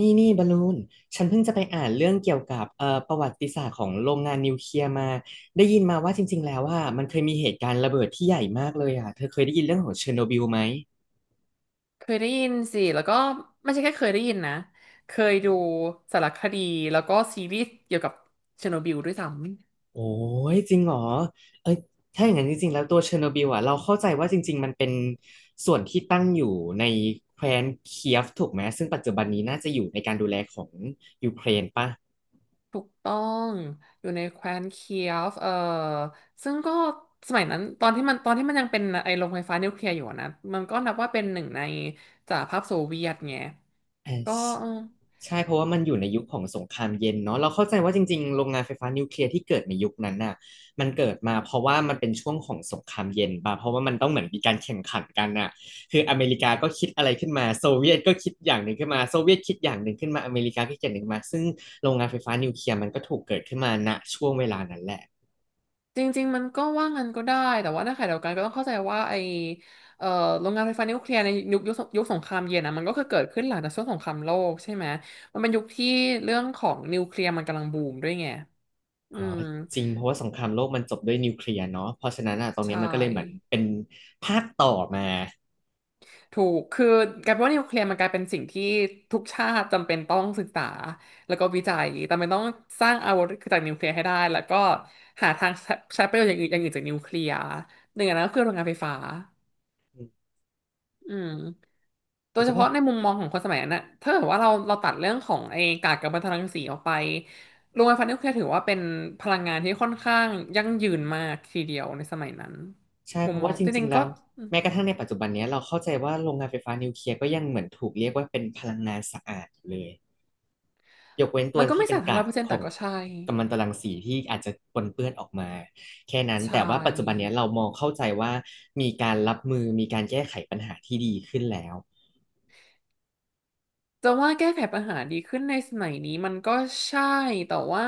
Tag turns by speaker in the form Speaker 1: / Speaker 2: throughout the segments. Speaker 1: นี่นี่บอลลูน ฉันเพิ่งจะไปอ่านเรื่องเกี่ยวกับประวัติศาสตร์ของโรงงานนิวเคลียร์มา ได้ยินมาว่าจริงๆแล้วว่ามันเคยมีเหตุการณ์ระเบิดที่ใหญ่มากเลยอ่ะ เธอเคยได้ยินเรื่องของเชอร์โนบิลไหม
Speaker 2: เคยได้ยินสิ แล้วก็ไม่ใช่แค่เคยได้ยินนะ เคยดูสารคดีแล้วก็ซีรีส์เกี่ยวกับเชอร์โนบิลด้วยซ้ำ
Speaker 1: โอ้ยจริงเหรอเอ้ยถ้าอย่างนั้นจริงๆแล้วตัวเชอร์โนบิลอ่ะเราเข้าใจว่าจริงๆมันเป็นส่วนที่ตั้งอยู่ในแคว้นเคียฟถูกไหม ซึ่งปัจจุบันนี้น่าจะอยู่ในการดูแลของยูเครนป่ะ
Speaker 2: ถูกต้อง อยู่ในแคว้นเคียฟซึ่งก็สมัยนั้นตอนที่มันยังเป็นไอ้โรงไฟฟ้านิวเคลียร์อยู่อะนะ มันก็นับว่าเป็นหนึ่งในสหภาพโซเวียตไง
Speaker 1: อ่า
Speaker 2: ก็เออ
Speaker 1: ใช่เพราะว่ามันอยู่ในยุคของสงครามเย็นเนาะเราเข้าใจว่าจริงๆโรงงานไฟฟ้านิวเคลียร์ที่เกิดในยุคนั้นน่ะมันเกิดมาเพราะว่ามันเป็นช่วงของสงครามเย็นป่ะเพราะว่ามันต้องเหมือนมีการแข่งขันกันน่ะคืออเมริกาก็คิดอะไรขึ้นมาโซเวียตก็คิดอย่างหนึ่งขึ้นมาโซเวียตคิดอย่างหนึ่งขึ้นมาอเมริกาก็คิดอย่างหนึ่งมาซึ่งโรงงานไฟฟ้านิวเคลียร์มันก็ถูกเกิดขึ้นมาณช่วงเวลานั้นแหละ
Speaker 2: จริงๆมันก็ว่างั้นก็ได้แต่ว่าในขณะเดียวกันก็ต้องเข้าใจว่าไอเอ่อโรงงานไฟฟ้านิวเคลียร์ในยุคสงครามเย็นนะมันก็คือเกิดขึ้นหลังจากช่วงสงครามโลกใช่ไหมมันเป็นยุคที่เรื่องของนิวเคลียร์มันกำลังบูมด้วยไงอื
Speaker 1: อ๋อ
Speaker 2: ม
Speaker 1: จริงเพราะว่าสงครามโลกมันจบด้วยนิวเคลียร์เนาะเพราะฉะนั้นอ่ะตรง
Speaker 2: ใช
Speaker 1: เนี้ยมันก็เลยเหมือน
Speaker 2: ่
Speaker 1: เป็นภาคต่อมา
Speaker 2: ถูกคือกลายเป็นว่านิวเคลียร์มันกลายเป็นสิ่งที่ทุกชาติจำเป็นต้องศึกษาแล้วก็วิจัยจำเป็นต้องสร้างอาวุธจากนิวเคลียร์ให้ได้แล้วก็หาทางใช้ประโยชน์อย่างอื่นจากนิวเคลียร์หนึ่งอันนั้นก็คือโรงงานไฟฟ้า อืมโดยเฉ
Speaker 1: จะว่า
Speaker 2: พาะในมุมมองของคนสมัยนั้นนะถ้าเกิดว่าเราตัดเรื่องของไอ้กากกัมมันตรังสีออกไปโรงไฟฟ้านิวเคลียร์ถือว่าเป็นพลังงานที่ค่อนข้างยั่งยืนมากทีเดียวในสมัยนั้น
Speaker 1: ใช่
Speaker 2: มุ
Speaker 1: เพ
Speaker 2: ม
Speaker 1: ราะ
Speaker 2: มอ
Speaker 1: ว่า
Speaker 2: ง
Speaker 1: จ
Speaker 2: จ
Speaker 1: ริ
Speaker 2: ริ
Speaker 1: ง
Speaker 2: ง
Speaker 1: ๆ
Speaker 2: ๆ
Speaker 1: แล้
Speaker 2: ก็
Speaker 1: วแม้กระทั่งในปัจจุบันเนี้ยเราเข้าใจว่าโรงงานไฟฟ้านิวเคลียร์ก็ยังเหมือนถูกเรียกว่าเป็นพลังงานสะอาดอยู่เลยยกเว้นตัว
Speaker 2: มันก็
Speaker 1: ที่
Speaker 2: ไม่
Speaker 1: เป็น
Speaker 2: สานทั้งร้
Speaker 1: กา
Speaker 2: อย
Speaker 1: ก
Speaker 2: เปอร์เซ็นต์
Speaker 1: ข
Speaker 2: แต่
Speaker 1: อง
Speaker 2: ก็ใช่
Speaker 1: กัมมันตรังสีที่อาจจะปนเปื้อนออกมาแค่นั้น
Speaker 2: ใช
Speaker 1: แต่ว่าปัจจุบันเนี้
Speaker 2: ่
Speaker 1: ยเรามองเข้าใจว่ามีการรับมือมีการแก้ไขปัญหาที่ดีขึ้นแล้ว
Speaker 2: จะว่าแก้ไขปัญหาดีขึ้นในสมัยนี้มันก็ใช่แต่ว่า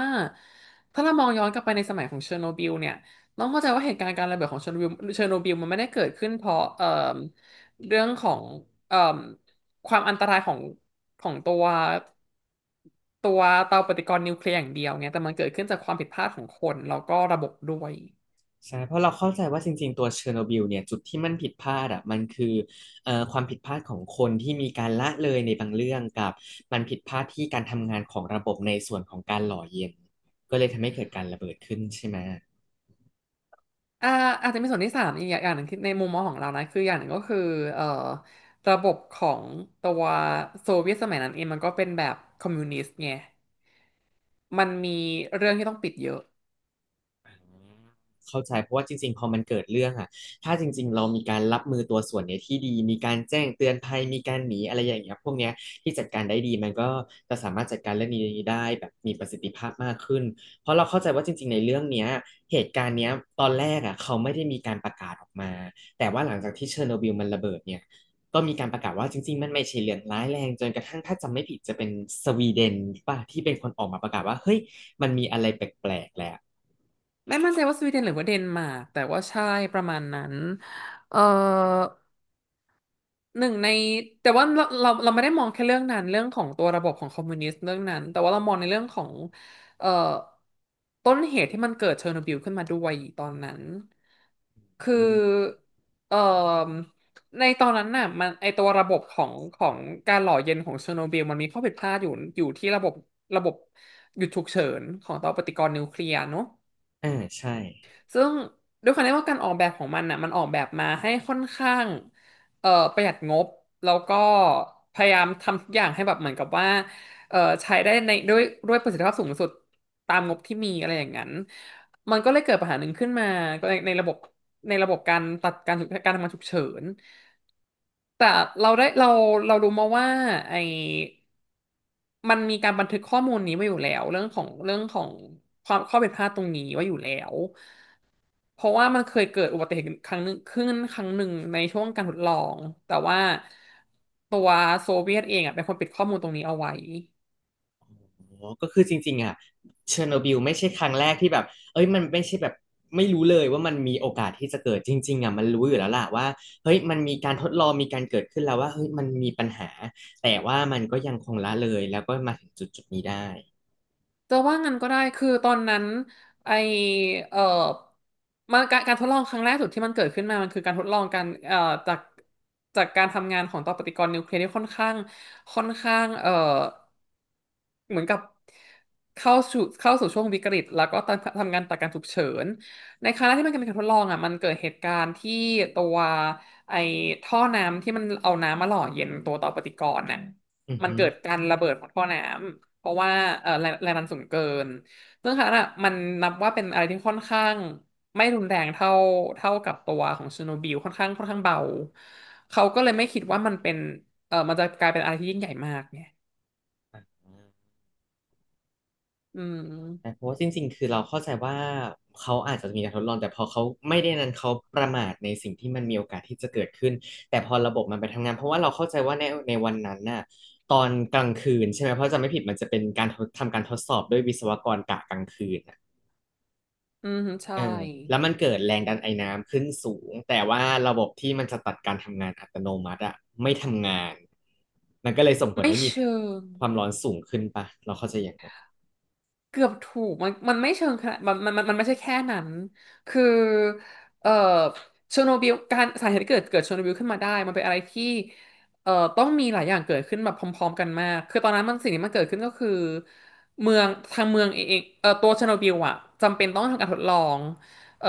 Speaker 2: ถ้าเรามองย้อนกลับไปในสมัยของเชอร์โนบิลเนี่ยต้องเข้าใจว่าเหตุการณ์การระเบิดของเชอร์โนบิลมันไม่ได้เกิดขึ้นเพราะเรื่องของเอ่อความอันตรายของของตัวตัวเตาปฏิกรณ์นิวเคลียร์อย่างเดียวไงแต่มันเกิดขึ้นจากความผิดพลาดของคนแล้วก็ระบบด้วย
Speaker 1: ใช่เพราะเราเข้าใจว่าจริงๆตัวเชอร์โนบิลเนี่ยจุดที่มันผิดพลาดอ่ะมันคือความผิดพลาดของคนที่มีการละเลยในบางเรื่องกับมันผิดพลาดที่การทำงานของระบบในส่วนของการหล่อเย็นก็เลยทำให้เกิดการระเบิดขึ้นใช่ไหม
Speaker 2: อ่าอาจจะมีส่วนที่สามอีกอย่างหนึ่งคือในมุมมองของเรานะคืออย่างหนึ่งก็คือเอ่อระบบของตัวโซเวียตสมัยนั้นเองมันก็เป็นแบบคอมมิวนิสต์ไงมันมีเรื่องที่ต้องปิดเยอะ
Speaker 1: เข้าใจเพราะว่าจริงๆ พอมันเกิดเรื่องอะถ้าจริงๆเรามีการรับมือตัวส่วนเนี้ยที่ดีมีการแจ้งเตือนภัยมีการหนีอะไรอย่างเงี้ยพวกเนี้ยที่จัดการได้ดีมันก็จะสามารถจัดการเรื่องนี้ได้แบบมีประสิทธิภาพมากขึ้นเพราะเราเข้าใจว่าจริงๆในเรื่องเนี้ยเหตุการณ์เนี้ยตอนแรกอะเขาไม่ได้มีการประกาศออกมาแต่ว่าหลังจากที่เชอร์โนบิลมันระเบิดเนี่ยก็มีการประกาศว่าจริงๆมันไม่ใช่เรื่องร้ายแรงจนกระทั่งถ้าจำไม่ผิดจะเป็นสวีเดนป่ะที่เป็นคนออกมาประกาศว่าเฮ้ยมันมีอะไรแปลกๆแหละ
Speaker 2: ไม่มั่นใจว่าสวีเดนหรือว่าเดนมาร์กแต่ว่าใช่ประมาณนั้นเอ่อ หนึ่งในแต่ว่าเราไม่ได้มองแค่เรื่องนั้นเรื่องของตัวระบบของคอมมิวนิสต์เรื่องนั้นแต่ว่าเรามองในเรื่องของเอ่อต้นเหตุที่มันเกิดเชอร์โนบิลขึ้นมาด้วยตอนนั้นคือ
Speaker 1: อืม
Speaker 2: เอ่อในตอนนั้นน่ะมันไอตัวระบบของการหล่อเย็นของเชอร์โนบิลมันมีข้อผิดพลาดอยู่อยู่ที่ระบบหยุดฉุกเฉินของเตาปฏิกรณ์นิวเคลียร์เนอะ
Speaker 1: อ่าใช่
Speaker 2: ซึ่งด้วยความที่ว่าการออกแบบของมันน่ะมันออกแบบมาให้ค่อนข้างเอ่อประหยัดงบแล้วก็พยายามทำทุกอย่างให้แบบเหมือนกับว่าเอ่อใช้ได้ในด้วยประสิทธิภาพสูงสุดตามงบที่มีอะไรอย่างนั้นมันก็เลยเกิดปัญหาหนึ่งขึ้นมาในในระบบการตัดการฉุกการทำงานฉุกเฉินแต่เราได้เราเรารู้มาว่าไอมันมีการบันทึกข้อมูลนี้ไว้อยู่แล้วเรื่องของความข้อผิดพลาดตรงนี้ไว้อยู่แล้ว เพราะว่ามันเคยเกิดอุบัติเหตุครั้งหนึ่งในช่วงการทดลอง แต่ว่าตัวโซเวียตเองอ่ะเป็นคนปิดข้อมูลตรงนี้เอาไว้
Speaker 1: โอ้ก็คือจริงๆอ่ะเชอร์โนบิลไม่ใช่ครั้งแรกที่แบบเอ้ยมันไม่ใช่แบบไม่รู้เลยว่ามันมีโอกาสที่จะเกิดจริงๆอ่ะมันรู้อยู่แล้วล่ะว่าเฮ้ยมันมีการทดลองมีการเกิดขึ้นแล้วว่าเฮ้ยมันมีปัญหาแต่ว่ามันก็ยังคงละเลยแล้วก็มาถึงจุดๆนี้ได้
Speaker 2: จะว่างั้นก็ได้คือตอนนั้นไอเอ่อมันการทดลองครั้งแรกสุดที่มันเกิดขึ้นมามันคือการทดลองการจากจากการทำงานของต่อปฏิกรณ์นิวเคลียร์ที่ค่อนข้างเหมือนกับเข้าสู่ช่วงวิกฤตแล้วก็ทำงานตัดการฉุกเฉินในครั้งแรกที่มันเป็นการทดลองอ่ะมันเกิดเหตุการณ์ที่ตัวไอท่อน้ำที่มันเอาน้ำมาหล่อเย็นตัวต่อปฏิกรณ์น่ะ
Speaker 1: อือ
Speaker 2: มัน
Speaker 1: ฮึ
Speaker 2: เกิดการระเบิดของท่อน้ำ เพราะว่าแรงแรงดันสูงเกิน ซึ่งค่ะนน่ะมันนับว่าเป็นอะไรที่ค่อนข้างไม่รุนแรงเท่ากับตัวของเชอร์โนบิลค่อนข้างเบา เขาก็เลยไม่คิดว่ามันเป็นเออมันจะกลายเป็นอะไรที่ยิ่งใหญ่มากไงอื
Speaker 1: น่
Speaker 2: ม
Speaker 1: เพราะว่าจริงๆคือเราเข้าใจว่าเขาอาจจะมีการทดลองแต่พอเขาไม่ได้นั้นเขาประมาทในสิ่งที่มันมีโอกาสที่จะเกิดขึ้นแต่พอระบบมันไปทำงานเพราะว่าเราเข้าใจว่าในวันนั้นน่ะตอนกลางคืนใช่ไหมเพราะจะไม่ผิดมันจะเป็นการทดสอบด้วยวิศวกรกะกลางคืนน่ะ
Speaker 2: อืมใช่
Speaker 1: เออแล้วมันเกิดแรงดันไอน้ำขึ้นสูงแต่ว่าระบบที่มันจะตัดการทำงานอัตโนมัติอะไม่ทำงานมันก็เลยส่งผล
Speaker 2: ไม่
Speaker 1: ให้มี
Speaker 2: เชิง
Speaker 1: ความร้อนสูงขึ้นปะเราเข้าใจอย่างนั้น
Speaker 2: เกือบถูกมันไม่เชิงขนาดมันไม่ใช่แค่นั้นคือเอ่อเชอร์โนบิลการสาเหตุที่เกิดเชอร์โนบิลขึ้นมาได้มันเป็นอะไรที่ต้องมีหลายอย่างเกิดขึ้นแบบพร้อมๆกันมากคือตอนนั้นมันสิ่งที่มันเกิดขึ้นก็คือเมืองทางเมืองเองตัวเชอร์โนบิลอะจำเป็นต้องทำการทดลองเอ่อ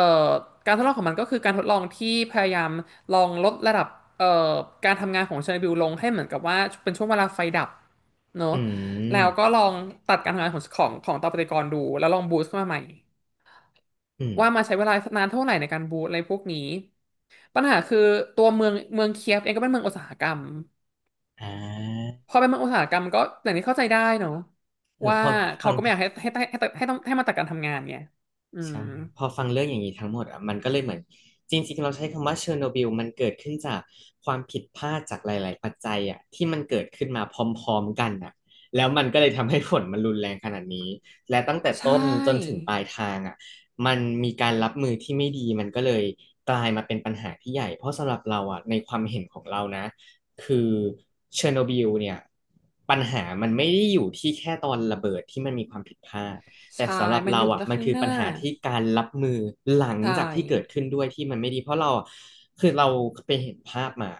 Speaker 2: การทดลองของมันก็คือการทดลองที่พยายามลองลดระดับเอ่อการทำงานของเชอร์โนบิลลงให้เหมือนกับว่าเป็นช่วงเวลาไฟดับเน
Speaker 1: อื
Speaker 2: อะ แล้วก็
Speaker 1: ม
Speaker 2: ลองตัดการทำงานของตัวปฏิกรณ์ดูแล้วลองบูสต์ขึ้นมาใหม่
Speaker 1: อืม
Speaker 2: ว่ามาใช้เวลานานเท่าไหร่ในการบูสต์อะไรพวกนี้ปัญหาคือตัวเมืองเคียฟเองก็เป็นเมืองอุตสาหกรรม
Speaker 1: อ่า
Speaker 2: พอเป็นเมืองอุตสาหกรรมก็อย่างนี้เข้าใจได้เนาะ
Speaker 1: เออ
Speaker 2: ว่า
Speaker 1: ฟั
Speaker 2: เขา
Speaker 1: ง
Speaker 2: ก็ไม่อยากให้ต้องให้มาตัดการทำงานไงอืม
Speaker 1: ใช่พอฟังเรื่องอย่างนี้ทั้งหมดอ่ะมันก็เลยเหมือนจริงๆเราใช้คำว่าเชอร์โนบิลมันเกิดขึ้นจากความผิดพลาดจากหลายๆปัจจัยอ่ะที่มันเกิดขึ้นมาพร้อมๆกันอ่ะแล้วมันก็เลยทำให้ผลมันรุนแรงขนาดนี้และตั้งแต่
Speaker 2: ใช
Speaker 1: ต้นจนถึง
Speaker 2: ่
Speaker 1: ปลายทางอ่ะมันมีการรับมือที่ไม่ดีมันก็เลยกลายมาเป็นปัญหาที่ใหญ่เพราะสำหรับเราอ่ะในความเห็นของเรานะคือเชอร์โนบิลเนี่ยปัญหามันไม่ได้อยู่ที่แค่ตอนระเบิดที่มันมีความผิดพลาด แต่
Speaker 2: ใช่
Speaker 1: สำหรับ
Speaker 2: มัน
Speaker 1: เรา
Speaker 2: อยู่
Speaker 1: อ่ะ
Speaker 2: แต่
Speaker 1: มัน
Speaker 2: ข้าง
Speaker 1: คือ
Speaker 2: หน้า
Speaker 1: ปัญหาที่การรับมือหลัง
Speaker 2: ใช่
Speaker 1: จากที่เกิดขึ้นด้วยที่มันไม่ดีเพราะเราอะคือเราไปเห็นภาพมา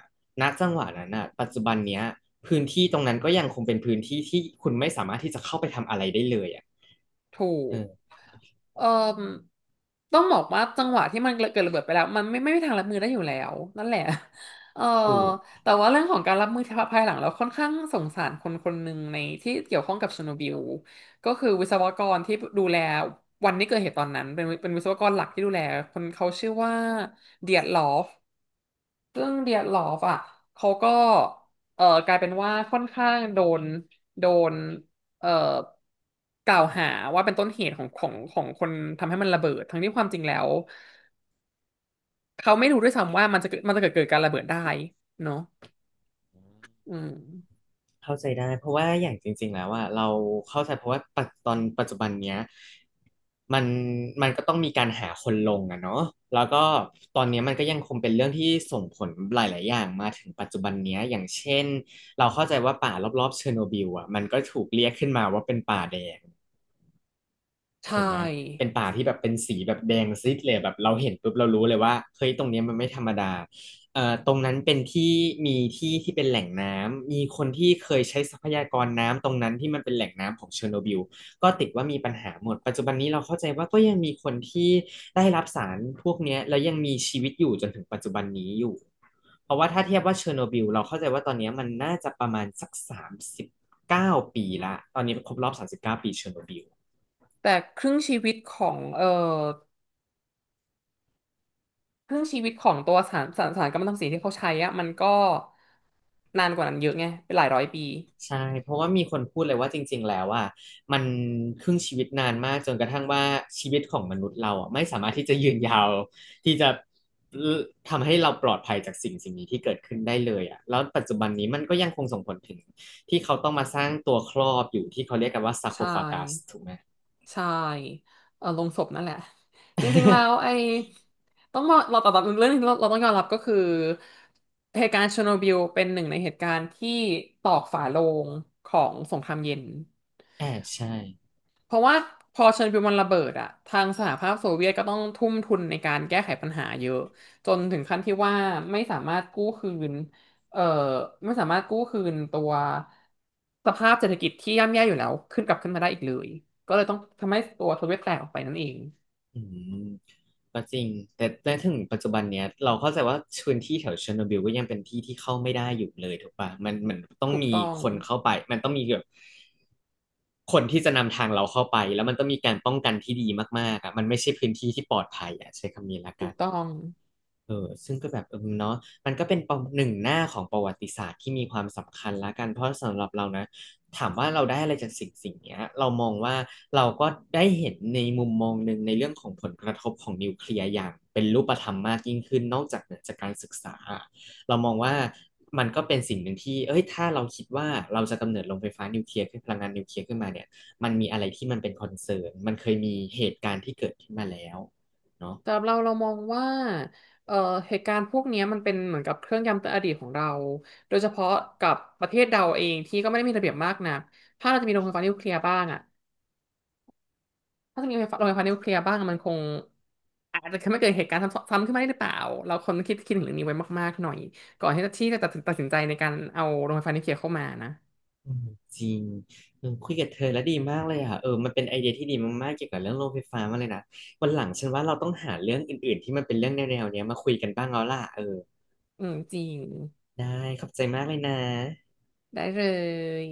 Speaker 1: ณจังหวะนั้นอ่ะปัจจุบันเนี้ยพื้นที่ตรงนั้นก็ยังคงเป็นพื้นที่ที่คุณไม่สามารถที่จะเข้าไปทำอะไรได้เลยอ่ะ
Speaker 2: ถูก
Speaker 1: เออ
Speaker 2: เอ่อต้องบอกว่าจังหวะที่มันเกิดระเบิดไปแล้วมันไม่มีทางรับมือได้อยู่แล้วนั่นแหละ เอ่อ
Speaker 1: ถูก
Speaker 2: แต่ว่าเรื่องของการรับมือภายหลังเราค่อนข้างสงสารคนคนหนึ่งในที่เกี่ยวข้องกับเชอร์โนบิลก็คือวิศวกรที่ดูแลวันที่เกิดเหตุตอนนั้นเป็นวิศวกรหลักที่ดูแลคนเขาชื่อว่าเดียร์ลอฟ ซึ่งเดียดหลอฟอ่ะ เขาก็กลายเป็นว่าค่อนข้างโดนโดนเอ่อกล่าวหาว่าเป็นต้นเหตุของคนทำให้มันระเบิดทั้งที่ความจริงแล้วเขาไม่รู้ด้วยซ้ำว่ามันจะเกิดมันจะเกิดการระเบิดได้เนาะอืม
Speaker 1: เข้าใจได้เพราะว่าอย่างจริงๆแล้วว่าเราเข้าใจเพราะว่าตอนปัจจุบันเนี้ยมันมันก็ต้องมีการหาคนลงอะเนาะแล้วก็ตอนเนี้ยมันก็ยังคงเป็นเรื่องที่ส่งผลหลายๆอย่างมาถึงปัจจุบันเนี้ยอย่างเช่นเราเข้าใจว่าป่ารอบๆเชอร์โนบิลอะมันก็ถูกเรียกขึ้นมาว่าเป็นป่าแดง
Speaker 2: ใช่
Speaker 1: ถูกไหมเป็นป่าที่แบบเป็นสีแบบแดงซีดเลยแบบเราเห็นปุ๊บเรารู้เลยว่าเฮ้ยตรงเนี้ยมันไม่ธรรมดาตรงนั้นเป็นที่มีที่ที่เป็นแหล่งน้ำมีคนที่เคยใช้ทรัพยากรน้ำตรงนั้นที่มันเป็นแหล่งน้ำของเชอร์โนบิลก็ติดว่ามีปัญหาหมดปัจจุบันนี้เราเข้าใจว่าก็ยังมีคนที่ได้รับสารพวกเนี้ยแล้วยังมีชีวิตอยู่จนถึงปัจจุบันนี้อยู่เพราะว่าถ้าเทียบว่าเชอร์โนบิลเราเข้าใจว่าตอนเนี้ยมันน่าจะประมาณสักสามสิบเก้าปีละตอนนี้ครบรอบสามสิบเก้าปีเชอร์โนบิล
Speaker 2: แต่ครึ่งชีวิตของครึ่งชีวิตของตัวสารกัมมันตรังสีที่เขาใช้อะมันก็นานกว่านั้นเยอะไงเป็นหลายร้อยปี
Speaker 1: ใช่ เพราะว่ามีคนพูดเลยว่าจริงๆ แล้วอ่ะมันครึ่งชีวิตนานมากจนกระทั่งว่าชีวิตของมนุษย์เราอ่ะไม่สามารถที่จะยืนยาวที่จะทำให้เราปลอดภัยจากสิ่งนี้ที่เกิดขึ้นได้เลยอ่ะแล้วปัจจุบันนี้มันก็ยังคงส่งผลถึงที่เขาต้องมาสร้างตัวครอบอยู่ที่เขาเรียกกันว่าซาโค
Speaker 2: ใช่
Speaker 1: ฟากัสถูกไหม
Speaker 2: ใช่เออลงศพนั่นแหละ จริงๆ แล้วไอ้ ต้องบอกเราแต่แบบเรื่องนี้เราต้องยอมรับก็คือเหตุการณ์เชอร์โนบิลเป็นหนึ่งในเหตุการณ์ที่ตอกฝาโลงของสงครามเย็น
Speaker 1: แอบใช่
Speaker 2: เพราะว่าพอเชอร์โนบิลมันระเบิดอะทางสหภาพโซเวียตก็ต้องทุ่มทุนในการแก้ไขปัญหาเยอะจนถึงขั้นที่ว่าไม่สามารถกู้คืนเอ่อไม่สามารถกู้คืนตัวสภาพเศรษฐกิจที่ย่ำแย่อยู่แล้วขึ้นกลับขึ้นมาได้อีกเลยก็เลยต้องทำให้ตัวโซเวียตแตกออกไปนั่นเอง
Speaker 1: อืมก็จริงแต่ถึงปัจจุบันเนี้ยเราเข้าใจว่าพื้นที่แถวเชอร์โนบิลก็ยังเป็นที่ที่เข้าไม่ได้อยู่เลยถูกปะมันต้อง
Speaker 2: ถูก
Speaker 1: มี
Speaker 2: ต้อง
Speaker 1: คนเข้าไปมันต้องมีแบบคนที่จะนำทางเราเข้าไปแล้วมันต้องมีการป้องกันที่ดีมากๆอ่ะมันไม่ใช่พื้นที่ที่ปลอดภัยอ่ะใช้คำนี้ละ
Speaker 2: ถู
Speaker 1: กั
Speaker 2: ก
Speaker 1: น
Speaker 2: ต้อง
Speaker 1: เออซึ่งก็แบบเออเนาะมันก็เป็นประหนึ่งหน้าของประวัติศาสตร์ที่มีความสำคัญละกันเพราะสำหรับเรานะ ถามว่าเราได้อะไรจากสิ่งเนี้ยเรามองว่าเราก็ได้เห็นในมุมมองหนึ่งในเรื่องของผลกระทบของนิวเคลียร์อย่างเป็นรูปธรรมมากยิ่งขึ้นนอกจากเหนือจากการศึกษาเรามองว่ามันก็เป็นสิ่งหนึ่งที่เอ้ยถ้าเราคิดว่าเราจะกำเนิดโรงไฟฟ้านิวเคลียร์ขึ้นพลังงานนิวเคลียร์ขึ้นมาเนี่ยมันมีอะไรที่มันเป็นคอนเซิร์นมันเคยมีเหตุการณ์ที่เกิดขึ้นมาแล้วเนาะ
Speaker 2: สำหรับเราเรามองว่าเอ่อเหตุการณ์พวกเนี้ยมันเป็นเหมือนกับเครื่องย้ำเตือนอดีตของเรา โดยเฉพาะกับประเทศเราเองที่ก็ไม่ได้มีระเบียบมากนักถ้าเราจะมีโรงไฟฟ้านิวเคลียร์บ้างอ่ะถ้าจะมีโรงไฟฟ้านิวเคลียร์บ้างอะมันคงอาจจะไม่เกิดเหตุการณ์ซ้ำซ้ำขึ้นมาได้หรือเปล่าเราคนคิดถึงเรื่องนี้ไว้มากๆหน่อยก่อนที่จะตัดสินใจในการเอาโรงไฟฟ้านิวเคลียร์เข้ามานะ
Speaker 1: อืมจริงเออคุยกับเธอแล้วดีมากเลยอ่ะเออมันเป็นไอเดียที่ดีมากๆเกี่ยวกับเรื่องโรงไฟฟ้ามาเลยนะวันหลังฉันว่าเราต้องหาเรื่องอื่นๆที่มันเป็นเรื่องแนวๆเนี้ยมาคุยกันบ้างแล้วล่ะเออ
Speaker 2: อืมจริง
Speaker 1: ได้ขอบใจมากเลยนะ
Speaker 2: ได้เลย